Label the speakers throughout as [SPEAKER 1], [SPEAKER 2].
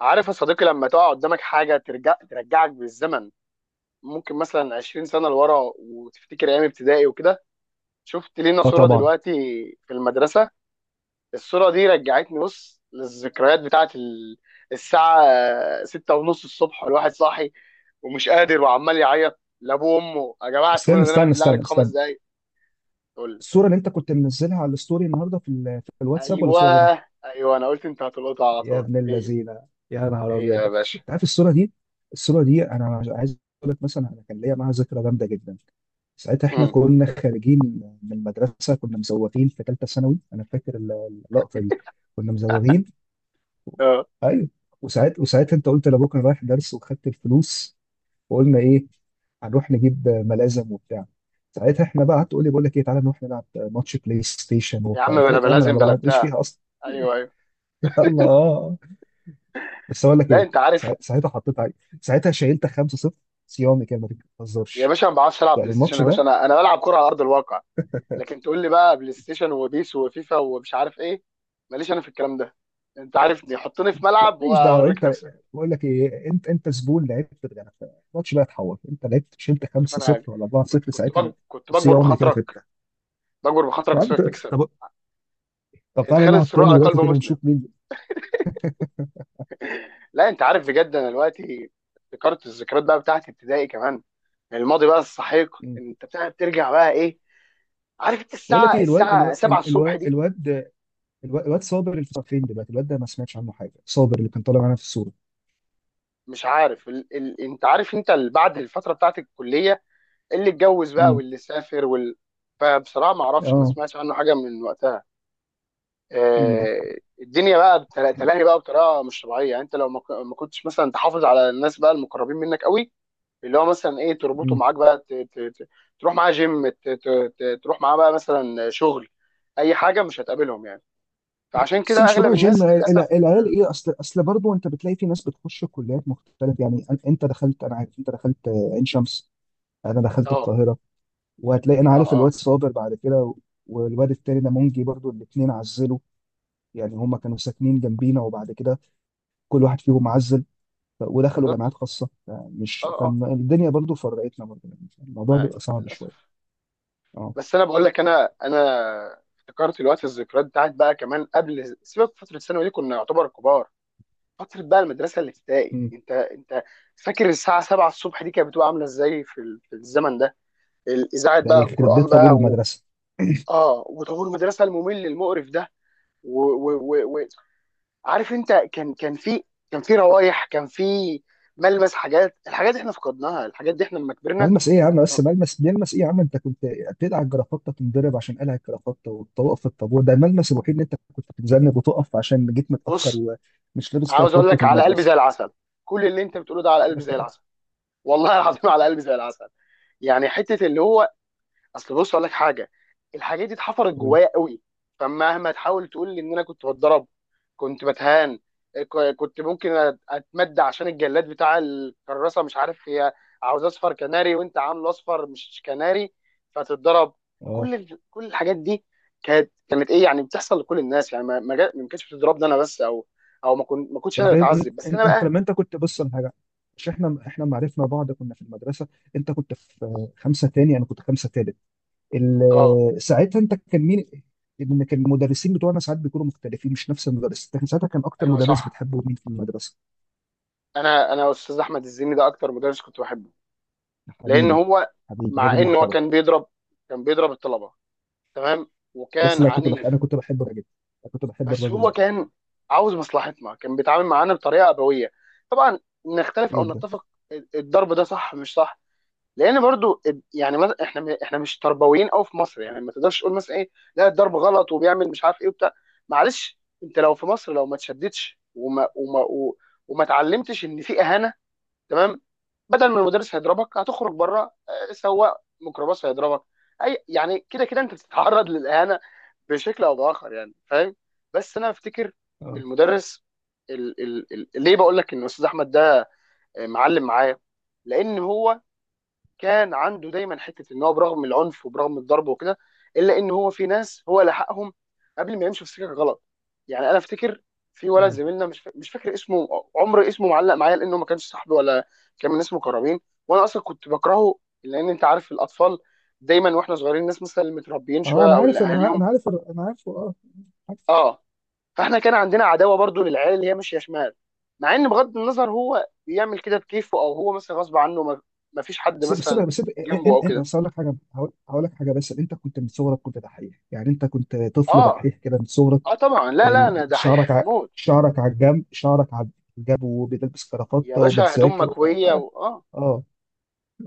[SPEAKER 1] عارف يا صديقي لما تقع قدامك حاجة ترجعك بالزمن. ممكن مثلا 20 سنة لورا، وتفتكر أيام ابتدائي وكده. شفت لينا
[SPEAKER 2] اه،
[SPEAKER 1] صورة
[SPEAKER 2] طبعا.
[SPEAKER 1] دلوقتي في المدرسة. الصورة دي رجعتني، بص للذكريات بتاعت الساعة 6:30 الصبح، والواحد صاحي ومش قادر وعمال يعيط لأبوه وأمه: يا جماعة
[SPEAKER 2] استنى
[SPEAKER 1] سيبونا ننام،
[SPEAKER 2] استنى
[SPEAKER 1] بالله عليك
[SPEAKER 2] استنى
[SPEAKER 1] خمس
[SPEAKER 2] استنى.
[SPEAKER 1] دقايق تقول لي،
[SPEAKER 2] الصورة اللي انت كنت منزلها على الستوري النهارده في الواتساب ولا
[SPEAKER 1] أيوه،
[SPEAKER 2] صورة غيرها؟
[SPEAKER 1] أيوه أنا قلت أنت هتلقطها على
[SPEAKER 2] يا
[SPEAKER 1] طول.
[SPEAKER 2] ابن
[SPEAKER 1] هي،
[SPEAKER 2] اللذينة، يا نهار
[SPEAKER 1] هي
[SPEAKER 2] ابيض
[SPEAKER 1] يا
[SPEAKER 2] ده!
[SPEAKER 1] باشا.
[SPEAKER 2] انت عارف الصورة دي؟ الصورة دي انا عايز اقول لك مثلا انا كان ليا معاها ذكرى جامدة جدا. ساعتها احنا
[SPEAKER 1] مم.
[SPEAKER 2] كنا خارجين من المدرسة، كنا مزوغين في ثالثة ثانوي. انا فاكر اللقطة دي، كنا مزوغين.
[SPEAKER 1] أه.
[SPEAKER 2] ايوه، وساعتها انت قلت لابوك انا رايح درس وخدت الفلوس، وقلنا ايه، هنروح نجيب ملازم وبتاع. ساعتها احنا بقى قعدت تقول لي بقول لك ايه، تعالى نروح نلعب ماتش بلاي ستيشن
[SPEAKER 1] يا عم
[SPEAKER 2] وبتاع، قلت
[SPEAKER 1] بلا
[SPEAKER 2] لك يا عم انا
[SPEAKER 1] بلازم
[SPEAKER 2] ما
[SPEAKER 1] بلا
[SPEAKER 2] بعدش
[SPEAKER 1] بتاع.
[SPEAKER 2] فيها اصلا.
[SPEAKER 1] أيوه، أيوه.
[SPEAKER 2] يلا، اه. بس اقول لك
[SPEAKER 1] لا،
[SPEAKER 2] ايه،
[SPEAKER 1] أنت عارف.
[SPEAKER 2] ساعتها حطيت عليك، ساعتها شايلت 5-0، صيامي كده، ما
[SPEAKER 1] يا
[SPEAKER 2] تهزرش.
[SPEAKER 1] باشا ما بعرفش العب
[SPEAKER 2] يعني
[SPEAKER 1] بلاي ستيشن،
[SPEAKER 2] الماتش
[SPEAKER 1] يا باشا
[SPEAKER 2] ده،
[SPEAKER 1] انا بلعب كوره على ارض الواقع. لكن تقول لي بقى بلاي ستيشن وبيس وفيفا ومش عارف ايه. ماليش انا في الكلام ده. انت عارفني، حطني في
[SPEAKER 2] لا
[SPEAKER 1] ملعب
[SPEAKER 2] ماليش دعوه
[SPEAKER 1] واوريك
[SPEAKER 2] انت.
[SPEAKER 1] نفسك.
[SPEAKER 2] بقول لك ايه، انت زبون لعبت بجد. يعني الماتش بقى اتحول، انت لعبت شلت
[SPEAKER 1] شوف انا حاجه،
[SPEAKER 2] 5-0 ولا 4-0 ساعتها. انا
[SPEAKER 1] كنت بجبر
[SPEAKER 2] صيامي كده
[SPEAKER 1] بخاطرك،
[SPEAKER 2] كده.
[SPEAKER 1] بجبر بخاطرك
[SPEAKER 2] يا عم
[SPEAKER 1] وسيبك تكسب.
[SPEAKER 2] طب طب، تعالى
[SPEAKER 1] ادخال
[SPEAKER 2] نلعب
[SPEAKER 1] السرور
[SPEAKER 2] تاني
[SPEAKER 1] على
[SPEAKER 2] دلوقتي
[SPEAKER 1] قلب
[SPEAKER 2] كده
[SPEAKER 1] مسلم.
[SPEAKER 2] ونشوف مين.
[SPEAKER 1] لا، انت عارف بجد، انا دلوقتي افتكرت الذكريات بقى بتاعت ابتدائي كمان. الماضي بقى السحيق، انت بتاع بترجع بقى ايه. عارف انت
[SPEAKER 2] بقول لك
[SPEAKER 1] الساعه
[SPEAKER 2] ايه، الواد
[SPEAKER 1] الساعه
[SPEAKER 2] الواد
[SPEAKER 1] 7 الصبح
[SPEAKER 2] الواد
[SPEAKER 1] دي.
[SPEAKER 2] الواد, الواد, الواد صابر، اللي فين دلوقتي الواد ده؟ ما سمعتش عنه حاجه، صابر اللي كان طالع معانا في الصوره.
[SPEAKER 1] مش عارف انت عارف انت بعد الفتره بتاعت الكليه، اللي اتجوز بقى
[SPEAKER 2] امم.
[SPEAKER 1] واللي سافر فبصراحه ما اعرفش، ما
[SPEAKER 2] اه.
[SPEAKER 1] سمعتش عنه حاجه من وقتها.
[SPEAKER 2] امم.
[SPEAKER 1] الدنيا بقى تلاهي بقى بطريقه مش طبيعيه. يعني انت لو ما كنتش مثلا تحافظ على الناس بقى المقربين منك قوي، اللي هو مثلا ايه تربطه
[SPEAKER 2] امم.
[SPEAKER 1] معاك بقى تروح معاه جيم، تروح معاه بقى مثلا شغل، اي حاجه مش هتقابلهم يعني. فعشان
[SPEAKER 2] بس
[SPEAKER 1] كده
[SPEAKER 2] مش بروح
[SPEAKER 1] اغلب
[SPEAKER 2] جيم
[SPEAKER 1] الناس
[SPEAKER 2] الع-
[SPEAKER 1] للاسف
[SPEAKER 2] العيال ايه، اصل برضه، انت بتلاقي في ناس بتخش كليات مختلفه يعني. انت دخلت، انا عارف انت دخلت، عين شمس، انا دخلت
[SPEAKER 1] اه،
[SPEAKER 2] القاهره. وهتلاقي انا
[SPEAKER 1] اه،
[SPEAKER 2] عارف الواد
[SPEAKER 1] اه.
[SPEAKER 2] صابر بعد كده والواد التاني ده منجي، برضه الاثنين عزلوا. يعني هما كانوا ساكنين جنبينا، وبعد كده كل واحد فيهم عزل، ودخلوا
[SPEAKER 1] بالظبط،
[SPEAKER 2] جامعات خاصه.
[SPEAKER 1] اه،
[SPEAKER 2] فمش،
[SPEAKER 1] اه.
[SPEAKER 2] فالدنيا برضو فرقتنا برضو، يعني الموضوع
[SPEAKER 1] ما
[SPEAKER 2] بيبقى صعب
[SPEAKER 1] للاسف.
[SPEAKER 2] شويه. اه.
[SPEAKER 1] بس انا بقول لك، انا افتكرت الذكريات بتاعت بقى كمان. قبل سيبك فتره الثانوي دي كنا يعتبر كبار. فتره بقى المدرسه الابتدائي،
[SPEAKER 2] مم.
[SPEAKER 1] انت فاكر الساعه 7 الصبح دي كانت بتبقى عامله ازاي في الزمن ده؟ الاذاعه
[SPEAKER 2] ده
[SPEAKER 1] بقى،
[SPEAKER 2] يخرب
[SPEAKER 1] القران
[SPEAKER 2] بيت طابور
[SPEAKER 1] بقى
[SPEAKER 2] المدرسه!
[SPEAKER 1] اه، وطابور المدرسه الممل المقرف ده و... و... و... و... عارف انت كان في، كان في روايح، كان في ملمس الحاجات دي احنا فقدناها، الحاجات دي احنا لما كبرنا.
[SPEAKER 2] ملمس ايه يا عم بس،
[SPEAKER 1] طب
[SPEAKER 2] ملمس بيلمس ايه يا عم؟ انت كنت بتقلع الجرافطه تنضرب عشان قلع الجرافطه، وتوقف في الطابور، ده الملمس الوحيد اللي انت كنت بتتذنب وتقف عشان جيت متاخر
[SPEAKER 1] بص،
[SPEAKER 2] ومش لابس
[SPEAKER 1] عاوز اقول
[SPEAKER 2] جرافطه
[SPEAKER 1] لك على قلبي زي
[SPEAKER 2] المدرسه.
[SPEAKER 1] العسل. كل اللي انت بتقوله ده على قلبي زي العسل، والله العظيم على قلبي زي العسل. يعني حته اللي هو، اصل بص اقول لك حاجه: الحاجات دي اتحفرت
[SPEAKER 2] قول.
[SPEAKER 1] جوايا قوي. فمهما تحاول تقول لي ان انا كنت بتضرب، كنت بتهان، كنت ممكن اتمد عشان الجلاد بتاع الكراسه، مش عارف، هي عاوز اصفر كناري وانت عامله اصفر مش كناري فتتضرب.
[SPEAKER 2] اه.
[SPEAKER 1] كل الحاجات دي كانت ايه يعني، بتحصل لكل الناس. يعني ما كانتش بتضربني انا بس، او او ما كنتش انا
[SPEAKER 2] فغير إن-
[SPEAKER 1] بتعذب بس
[SPEAKER 2] إن-
[SPEAKER 1] انا
[SPEAKER 2] انت
[SPEAKER 1] بقى.
[SPEAKER 2] لما انت كنت بص على حاجه، مش احنا ما عرفنا بعض كنا في المدرسه، انت كنت في خمسه تاني، انا كنت خمسه تالت.
[SPEAKER 1] اه،
[SPEAKER 2] ساعتها انت كان مين، ان كان المدرسين بتوعنا ساعات بيكونوا مختلفين، مش نفس المدرس؟ احنا ساعتها كان اكتر
[SPEAKER 1] ايوه
[SPEAKER 2] مدرس
[SPEAKER 1] صح.
[SPEAKER 2] بتحبه مين في المدرسه؟
[SPEAKER 1] انا استاذ احمد الزيني ده اكتر مدرس كنت بحبه، لان
[SPEAKER 2] حبيبي،
[SPEAKER 1] هو
[SPEAKER 2] حبيبي
[SPEAKER 1] مع
[SPEAKER 2] راجل
[SPEAKER 1] ان هو
[SPEAKER 2] محترم.
[SPEAKER 1] كان بيضرب الطلبه، تمام،
[SPEAKER 2] بس
[SPEAKER 1] وكان
[SPEAKER 2] لا، انا
[SPEAKER 1] عنيف،
[SPEAKER 2] كنت بحب الراجل، انا كنت بحب
[SPEAKER 1] بس
[SPEAKER 2] الراجل
[SPEAKER 1] هو
[SPEAKER 2] ده
[SPEAKER 1] كان عاوز مصلحتنا، كان بيتعامل معانا بطريقه ابويه. طبعا نختلف او
[SPEAKER 2] جدا.
[SPEAKER 1] نتفق الضرب ده صح مش صح، لان برضو يعني احنا مش تربويين قوي في مصر. يعني ما تقدرش تقول مثلا ايه: لا الضرب غلط وبيعمل مش عارف ايه وبتاع. معلش، انت لو في مصر، لو ما تشددش وما اتعلمتش ان في اهانه، تمام، بدل ما المدرس هيضربك هتخرج بره، سواق ميكروباص هيضربك. اي يعني كده كده انت بتتعرض للاهانه بشكل او باخر، يعني فاهم. بس انا افتكر
[SPEAKER 2] اه،
[SPEAKER 1] المدرس، ال ال ال ليه بقول لك ان استاذ احمد ده معلم معايا، لان هو كان عنده دايما حته ان هو برغم العنف وبرغم الضرب وكده، الا ان هو في ناس هو لحقهم قبل ما يمشوا في سكه غلط. يعني انا افتكر في ولد زميلنا مش فاكر اسمه، عمر اسمه، معلق معايا لانه ما كانش صاحبي ولا كان من ناس مقربين، وانا اصلا كنت بكرهه. لان انت عارف الاطفال دايما، واحنا صغيرين، الناس مثلا اللي متربيين
[SPEAKER 2] اه،
[SPEAKER 1] شويه او اللي اهاليهم.
[SPEAKER 2] انا عارفه. اه.
[SPEAKER 1] اه. فاحنا كان عندنا عداوه برضو للعيال اللي هي ماشيه شمال، مع ان بغض النظر هو بيعمل كده بكيفه او هو مثلا غصب عنه، ما فيش حد
[SPEAKER 2] بس بس
[SPEAKER 1] مثلا
[SPEAKER 2] بس
[SPEAKER 1] جنبه
[SPEAKER 2] إن
[SPEAKER 1] او
[SPEAKER 2] إن
[SPEAKER 1] كده.
[SPEAKER 2] بس هقول لك حاجه هقول هقول لك حاجه، بس انت كنت من صغرك كنت دحيح، يعني انت كنت طفل
[SPEAKER 1] اه،
[SPEAKER 2] دحيح كده من صغرك.
[SPEAKER 1] اه، طبعا، لا، لا،
[SPEAKER 2] ال-
[SPEAKER 1] انا
[SPEAKER 2] شعرك
[SPEAKER 1] دحيح
[SPEAKER 2] ع...
[SPEAKER 1] موت.
[SPEAKER 2] شعرك على الجنب، وبتلبس
[SPEAKER 1] يا
[SPEAKER 2] كرافتة،
[SPEAKER 1] باشا هدوم
[SPEAKER 2] وبتذاكر وبتاع.
[SPEAKER 1] مكويه اه.
[SPEAKER 2] اه،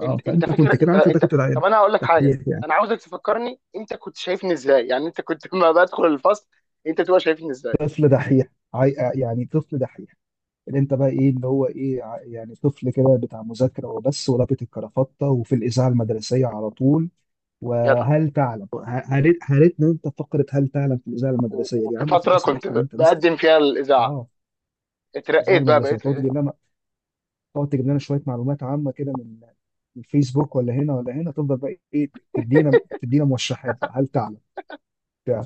[SPEAKER 2] اه.
[SPEAKER 1] انت
[SPEAKER 2] فانت كنت
[SPEAKER 1] فاكر،
[SPEAKER 2] كده،
[SPEAKER 1] انت
[SPEAKER 2] عارف انت
[SPEAKER 1] انت
[SPEAKER 2] كنت
[SPEAKER 1] طب انا هقول لك حاجه،
[SPEAKER 2] دحيح، يعني
[SPEAKER 1] انا عاوزك تفكرني، انت كنت شايفني ازاي يعني، انت كنت لما بدخل الفصل انت تبقى شايفني ازاي؟
[SPEAKER 2] طفل دحيح. يعني طفل دحيح، اللي انت بقى ايه، اللي هو ايه، يعني طفل كده بتاع مذاكره وبس، ولابس الكرافتة، وفي الاذاعه المدرسيه على طول.
[SPEAKER 1] جدع
[SPEAKER 2] وهل تعلم، هريتنا انت فقره هل تعلم في الاذاعه
[SPEAKER 1] و...
[SPEAKER 2] المدرسيه دي، يا
[SPEAKER 1] وفي
[SPEAKER 2] عم
[SPEAKER 1] فتره
[SPEAKER 2] خلاص
[SPEAKER 1] كنت
[SPEAKER 2] عرفنا ان انت مستر.
[SPEAKER 1] بقدم فيها الاذاعه،
[SPEAKER 2] اه. الاذاعه
[SPEAKER 1] اترقيت بقى،
[SPEAKER 2] المدرسيه،
[SPEAKER 1] بقيت ما.
[SPEAKER 2] تقعد تجيب لنا شويه معلومات عامه كده من الفيسبوك، ولا هنا ولا هنا، تفضل بقى ايه، تدينا موشحات بقى، هل تعلم، بتاع.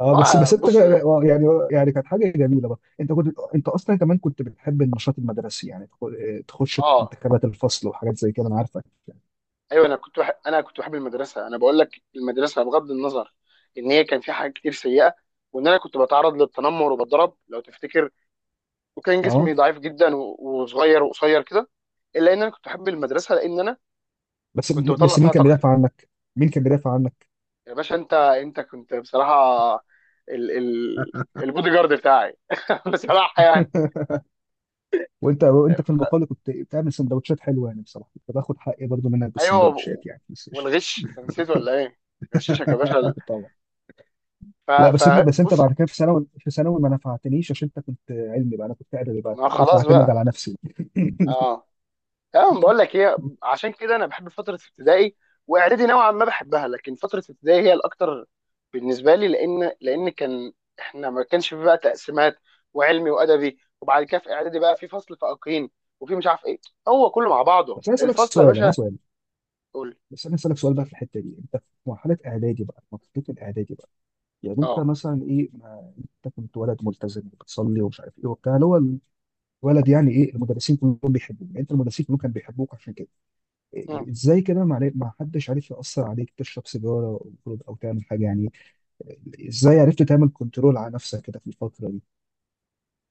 [SPEAKER 2] اه. بس
[SPEAKER 1] هو
[SPEAKER 2] بس انت،
[SPEAKER 1] بص،
[SPEAKER 2] يعني كانت حاجه جميله بقى، انت اصلا كمان كنت بتحب النشاط المدرسي، يعني تخش
[SPEAKER 1] اه،
[SPEAKER 2] انتخابات الفصل وحاجات زي كده، انا عارفك يعني.
[SPEAKER 1] ايوه، انا كنت بحب المدرسه. انا بقول لك، المدرسه بغض النظر ان هي كان فيها حاجات كتير سيئه، وان انا كنت بتعرض للتنمر وبتضرب لو تفتكر، وكان
[SPEAKER 2] اه.
[SPEAKER 1] جسمي ضعيف جدا وصغير وقصير كده، الا ان انا كنت بحب المدرسه لان انا
[SPEAKER 2] بس
[SPEAKER 1] كنت بطلع
[SPEAKER 2] بس مين
[SPEAKER 1] فيها
[SPEAKER 2] كان
[SPEAKER 1] طاقتي.
[SPEAKER 2] بيدافع عنك؟ مين كان بيدافع عنك؟
[SPEAKER 1] يا باشا، انت كنت بصراحه ال البودي جارد بتاعي بصراحه يعني.
[SPEAKER 2] وانت في المقابل كنت بتعمل سندوتشات حلوه، يعني بصراحه كنت باخد حقي برضو منك
[SPEAKER 1] ايوه،
[SPEAKER 2] بالسندوتشات يعني، بس إيش.
[SPEAKER 1] والغش أنت نسيت ولا ايه؟ غششك يا باشا
[SPEAKER 2] طبعا. لا، بس انت
[SPEAKER 1] فبص،
[SPEAKER 2] بعد كده، في ثانوي ما نفعتنيش عشان انت كنت علمي بقى، انا كنت ادبي بقى
[SPEAKER 1] ما
[SPEAKER 2] قلت
[SPEAKER 1] خلاص
[SPEAKER 2] اعتمد
[SPEAKER 1] بقى.
[SPEAKER 2] على نفسي.
[SPEAKER 1] اه، اه، بقول لك ايه: عشان كده انا بحب فتره ابتدائي، واعدادي نوعا ما بحبها، لكن فتره ابتدائي هي الاكتر بالنسبه لي، لان كان احنا ما كانش في بقى تقسيمات وعلمي وادبي. وبعد كده في اعدادي بقى في فصل فائقين وفي مش عارف ايه. هو كله مع بعضه
[SPEAKER 2] بس انا اسالك
[SPEAKER 1] الفصل يا
[SPEAKER 2] سؤال انا عايز
[SPEAKER 1] باشا.
[SPEAKER 2] سؤال
[SPEAKER 1] قول.
[SPEAKER 2] بس انا اسالك سؤال بقى في الحته دي، انت في مرحله الاعدادي بقى، يعني انت
[SPEAKER 1] اه.
[SPEAKER 2] مثلا ايه، ما انت كنت ولد ملتزم، بتصلي ومش عارف ايه وبتاع، اللي هو الولد يعني ايه، المدرسين كلهم بيحبوك، يعني انت المدرسين كلهم كانوا بيحبوك. عشان كده
[SPEAKER 1] مم.
[SPEAKER 2] ازاي كده، ما حدش عارف يأثر عليك تشرب سيجارة او خروج أو تعمل حاجة يعني؟ ازاي عرفت تعمل كنترول على نفسك كده في الفترة دي؟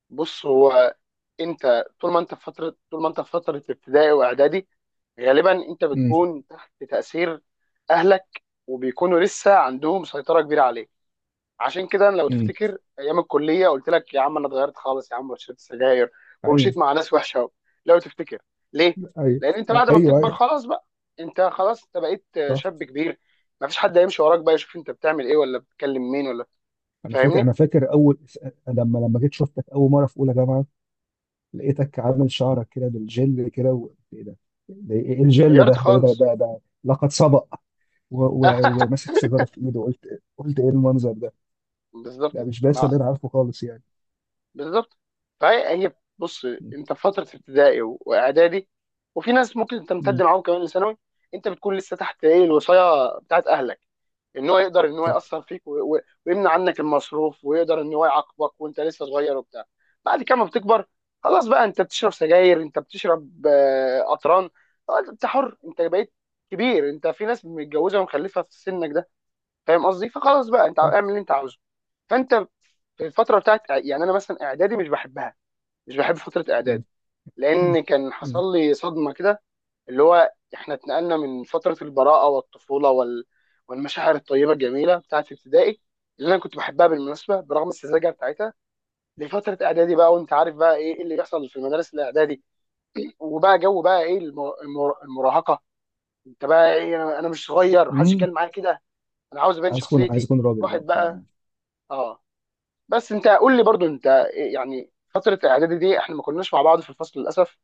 [SPEAKER 1] بص هو، انت طول ما انت في فتره ابتدائي واعدادي غالبا انت
[SPEAKER 2] امم.
[SPEAKER 1] بتكون تحت تاثير اهلك، وبيكونوا لسه عندهم سيطره كبيره عليك. عشان كده أنا لو
[SPEAKER 2] امم.
[SPEAKER 1] تفتكر ايام الكليه قلت لك: يا عم انا اتغيرت خالص يا عم وشربت سجاير
[SPEAKER 2] ايوه.
[SPEAKER 1] ومشيت مع ناس وحشه أوي. لو تفتكر، ليه؟
[SPEAKER 2] ايوه.
[SPEAKER 1] لان انت
[SPEAKER 2] ايوه.
[SPEAKER 1] بعد ما بتكبر
[SPEAKER 2] ايوه.
[SPEAKER 1] خلاص بقى، انت خلاص انت بقيت
[SPEAKER 2] صح.
[SPEAKER 1] شاب كبير، مفيش حد هيمشي وراك بقى يشوف انت بتعمل ايه ولا بتكلم مين ولا.
[SPEAKER 2] انا فاكر
[SPEAKER 1] فاهمني؟
[SPEAKER 2] انا فاكر اول لما جيت شفتك اول مرة في اولى جامعة، لقيتك عامل شعرك كده بالجل كده ايه ده، ده ايه الجل
[SPEAKER 1] اتغيرت
[SPEAKER 2] ده ده ايه ده
[SPEAKER 1] خالص.
[SPEAKER 2] ده, ده لقد سبق. وماسك سيجارة في ايده، قلت ايه المنظر ده، ده
[SPEAKER 1] بالظبط
[SPEAKER 2] مش باسل
[SPEAKER 1] ما
[SPEAKER 2] اللي انا عارفه خالص يعني.
[SPEAKER 1] بالظبط. فهي بص،
[SPEAKER 2] مم.
[SPEAKER 1] انت في فتره ابتدائي واعدادي، وفي ناس ممكن تمتد
[SPEAKER 2] مم.
[SPEAKER 1] معاهم كمان لثانوي، انت بتكون لسه تحت ايه الوصايه بتاعت اهلك، ان هو يقدر ان هو
[SPEAKER 2] صح،
[SPEAKER 1] ياثر فيك ويمنع عنك المصروف، ويقدر ان هو يعاقبك وانت لسه صغير وبتاع. بعد كده ما بتكبر، خلاص بقى انت بتشرب سجاير، انت بتشرب قطران. خلاص، انت حر، انت بقيت كبير، انت في ناس متجوزه ومخلفه في سنك ده، فاهم قصدي؟ فخلاص بقى انت
[SPEAKER 2] صح.
[SPEAKER 1] اعمل اللي انت عاوزه. فانت في الفتره بتاعت، يعني انا مثلا اعدادي مش بحبها، مش بحب فتره
[SPEAKER 2] مم.
[SPEAKER 1] اعدادي، لان كان حصل
[SPEAKER 2] مم.
[SPEAKER 1] لي صدمه كده، اللي هو احنا اتنقلنا من فتره البراءه والطفوله والمشاعر الطيبه الجميله بتاعت ابتدائي، اللي انا كنت بحبها بالمناسبه برغم السذاجه بتاعتها، لفتره اعدادي بقى. وانت عارف بقى إيه اللي بيحصل في المدارس الاعدادي، وبقى جو بقى ايه المراهقه. انت بقى ايه، أنا مش صغير، محدش يتكلم
[SPEAKER 2] امم.
[SPEAKER 1] معايا كده، انا عاوز ابين
[SPEAKER 2] عايز اكون عايز
[SPEAKER 1] شخصيتي،
[SPEAKER 2] اكون راجل بقى
[SPEAKER 1] واحد
[SPEAKER 2] بتاع.
[SPEAKER 1] بقى. اه. بس انت قول لي برضو انت إيه يعني، فتره اعدادي دي احنا ما كناش مع بعض في الفصل للاسف،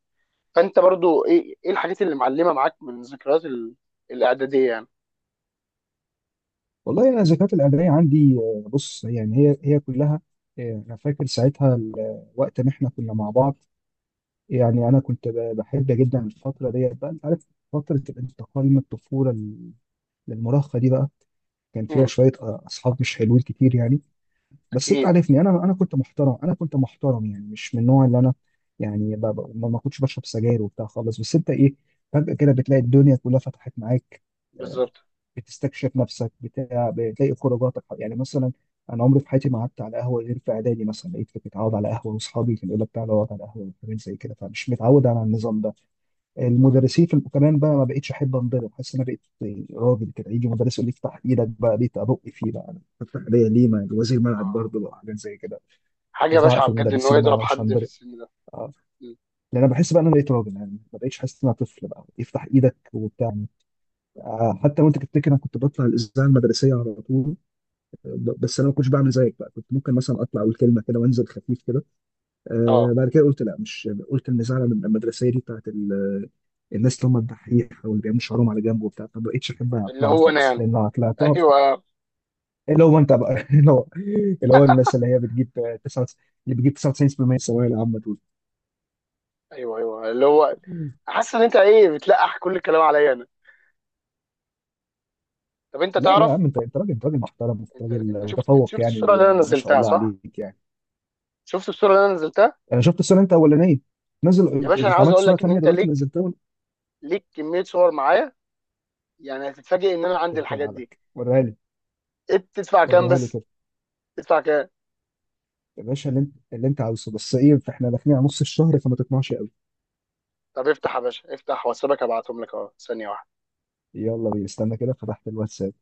[SPEAKER 1] فانت برضو ايه الحاجات اللي معلمه معاك من ذكريات الاعداديه يعني.
[SPEAKER 2] والله انا الذكريات الاعداديه عندي، بص يعني، هي كلها، انا فاكر ساعتها وقت ما احنا كنا مع بعض، يعني انا كنت بحب جدا الفتره ديت بقى، انت عارف، فتره الانتقال من الطفوله للمراهقه دي بقى، كان فيها
[SPEAKER 1] مم.
[SPEAKER 2] شويه اصحاب مش حلوين كتير يعني. بس انت
[SPEAKER 1] اكيد.
[SPEAKER 2] عارفني، انا كنت محترم، انا كنت محترم يعني مش من النوع اللي انا، يعني ما كنتش بشرب سجاير وبتاع خالص. بس انت ايه، فجاه كده بتلاقي الدنيا كلها فتحت معاك. آه،
[SPEAKER 1] بالظبط.
[SPEAKER 2] بتستكشف نفسك بتاع، بتلاقي خروجاتك، يعني مثلا انا عمري في حياتي ما قعدت على قهوه غير في اعدادي، مثلا لقيت كنت متعود على قهوه، واصحابي كانوا يقول لك تعالى اقعد على قهوه، وحاجات زي كده، فمش متعود على النظام ده.
[SPEAKER 1] مم.
[SPEAKER 2] المدرسين في كمان بقى ما بقتش احب انضرب، حاسس ان انا بقيت راجل كده، يجي مدرس يقول لي افتح ايدك بقى ليه، ابق فيه بقى أنا افتح ايديا ليه، ما وزير ملعب
[SPEAKER 1] اه،
[SPEAKER 2] برضه بقى، حاجات زي كده. كنت
[SPEAKER 1] حاجه
[SPEAKER 2] ازعق
[SPEAKER 1] بشعه
[SPEAKER 2] في
[SPEAKER 1] بجد ان هو
[SPEAKER 2] المدرسين بقى،
[SPEAKER 1] يضرب
[SPEAKER 2] أنا مش
[SPEAKER 1] حد في
[SPEAKER 2] هنضرب.
[SPEAKER 1] السن ده.
[SPEAKER 2] آه.
[SPEAKER 1] مم.
[SPEAKER 2] لان انا بحس بقى ان انا بقيت راجل، يعني ما بقتش حاسس ان انا طفل بقى افتح ايدك وبتاع. حتى وانت تفتكر انا كنت بطلع الاذاعه المدرسيه على طول، بس انا ما كنتش بعمل زيك بقى، كنت ممكن مثلا اطلع اقول كلمه كده وانزل خفيف كده.
[SPEAKER 1] اه،
[SPEAKER 2] بعد كده قلت لا، مش قلت المزعله من المدرسيه دي بتاعت الناس اللي هم الدحيح، او اللي بيعملوا شعرهم على جنب وبتاع، ما بقتش احب
[SPEAKER 1] اللي
[SPEAKER 2] اطلعها
[SPEAKER 1] هو انا
[SPEAKER 2] خالص،
[SPEAKER 1] يعني.
[SPEAKER 2] لان لو طلعتها
[SPEAKER 1] ايوه،
[SPEAKER 2] اللي هو انت بقى. اللي هو اللي هو الناس اللي هي بتجيب 9، اللي بتجيب 99% الثانويه العامه دول.
[SPEAKER 1] ايوه، ايوه، اللي هو حاسس ان انت ايه بتلقح كل الكلام عليا انا. طب انت
[SPEAKER 2] لا لا يا
[SPEAKER 1] تعرف،
[SPEAKER 2] عم، انت راجل، انت راجل محترم، انت
[SPEAKER 1] انت انت
[SPEAKER 2] راجل
[SPEAKER 1] شفت انت
[SPEAKER 2] متفوق
[SPEAKER 1] شفت
[SPEAKER 2] يعني،
[SPEAKER 1] الصوره اللي انا
[SPEAKER 2] وما شاء
[SPEAKER 1] نزلتها
[SPEAKER 2] الله
[SPEAKER 1] صح؟
[SPEAKER 2] عليك يعني.
[SPEAKER 1] شفت الصوره اللي انا نزلتها.
[SPEAKER 2] انا شفت الصوره، انت الاولانيه
[SPEAKER 1] يا باشا انا عاوز
[SPEAKER 2] اتعملت
[SPEAKER 1] اقول
[SPEAKER 2] صوره
[SPEAKER 1] لك ان
[SPEAKER 2] تانيه
[SPEAKER 1] انت
[SPEAKER 2] دلوقتي
[SPEAKER 1] ليك
[SPEAKER 2] نزلتها.
[SPEAKER 1] ليك كميه صور معايا، يعني هتتفاجئ ان انا عندي
[SPEAKER 2] يخرب بيت
[SPEAKER 1] الحاجات دي.
[SPEAKER 2] عليك، وريها لي،
[SPEAKER 1] إيه، تدفع كام
[SPEAKER 2] وريها لي
[SPEAKER 1] بس؟
[SPEAKER 2] كده.
[SPEAKER 1] تدفع كام؟
[SPEAKER 2] يا باشا، اللي انت عاوزه، بس ايه، فاحنا داخلين على نص الشهر، فما تطمعش قوي.
[SPEAKER 1] طب افتح يا باشا، افتح واتسابك ابعتهم لك اهو ثانيه واحده.
[SPEAKER 2] يلا بينا، استنى كده، فتحت الواتساب.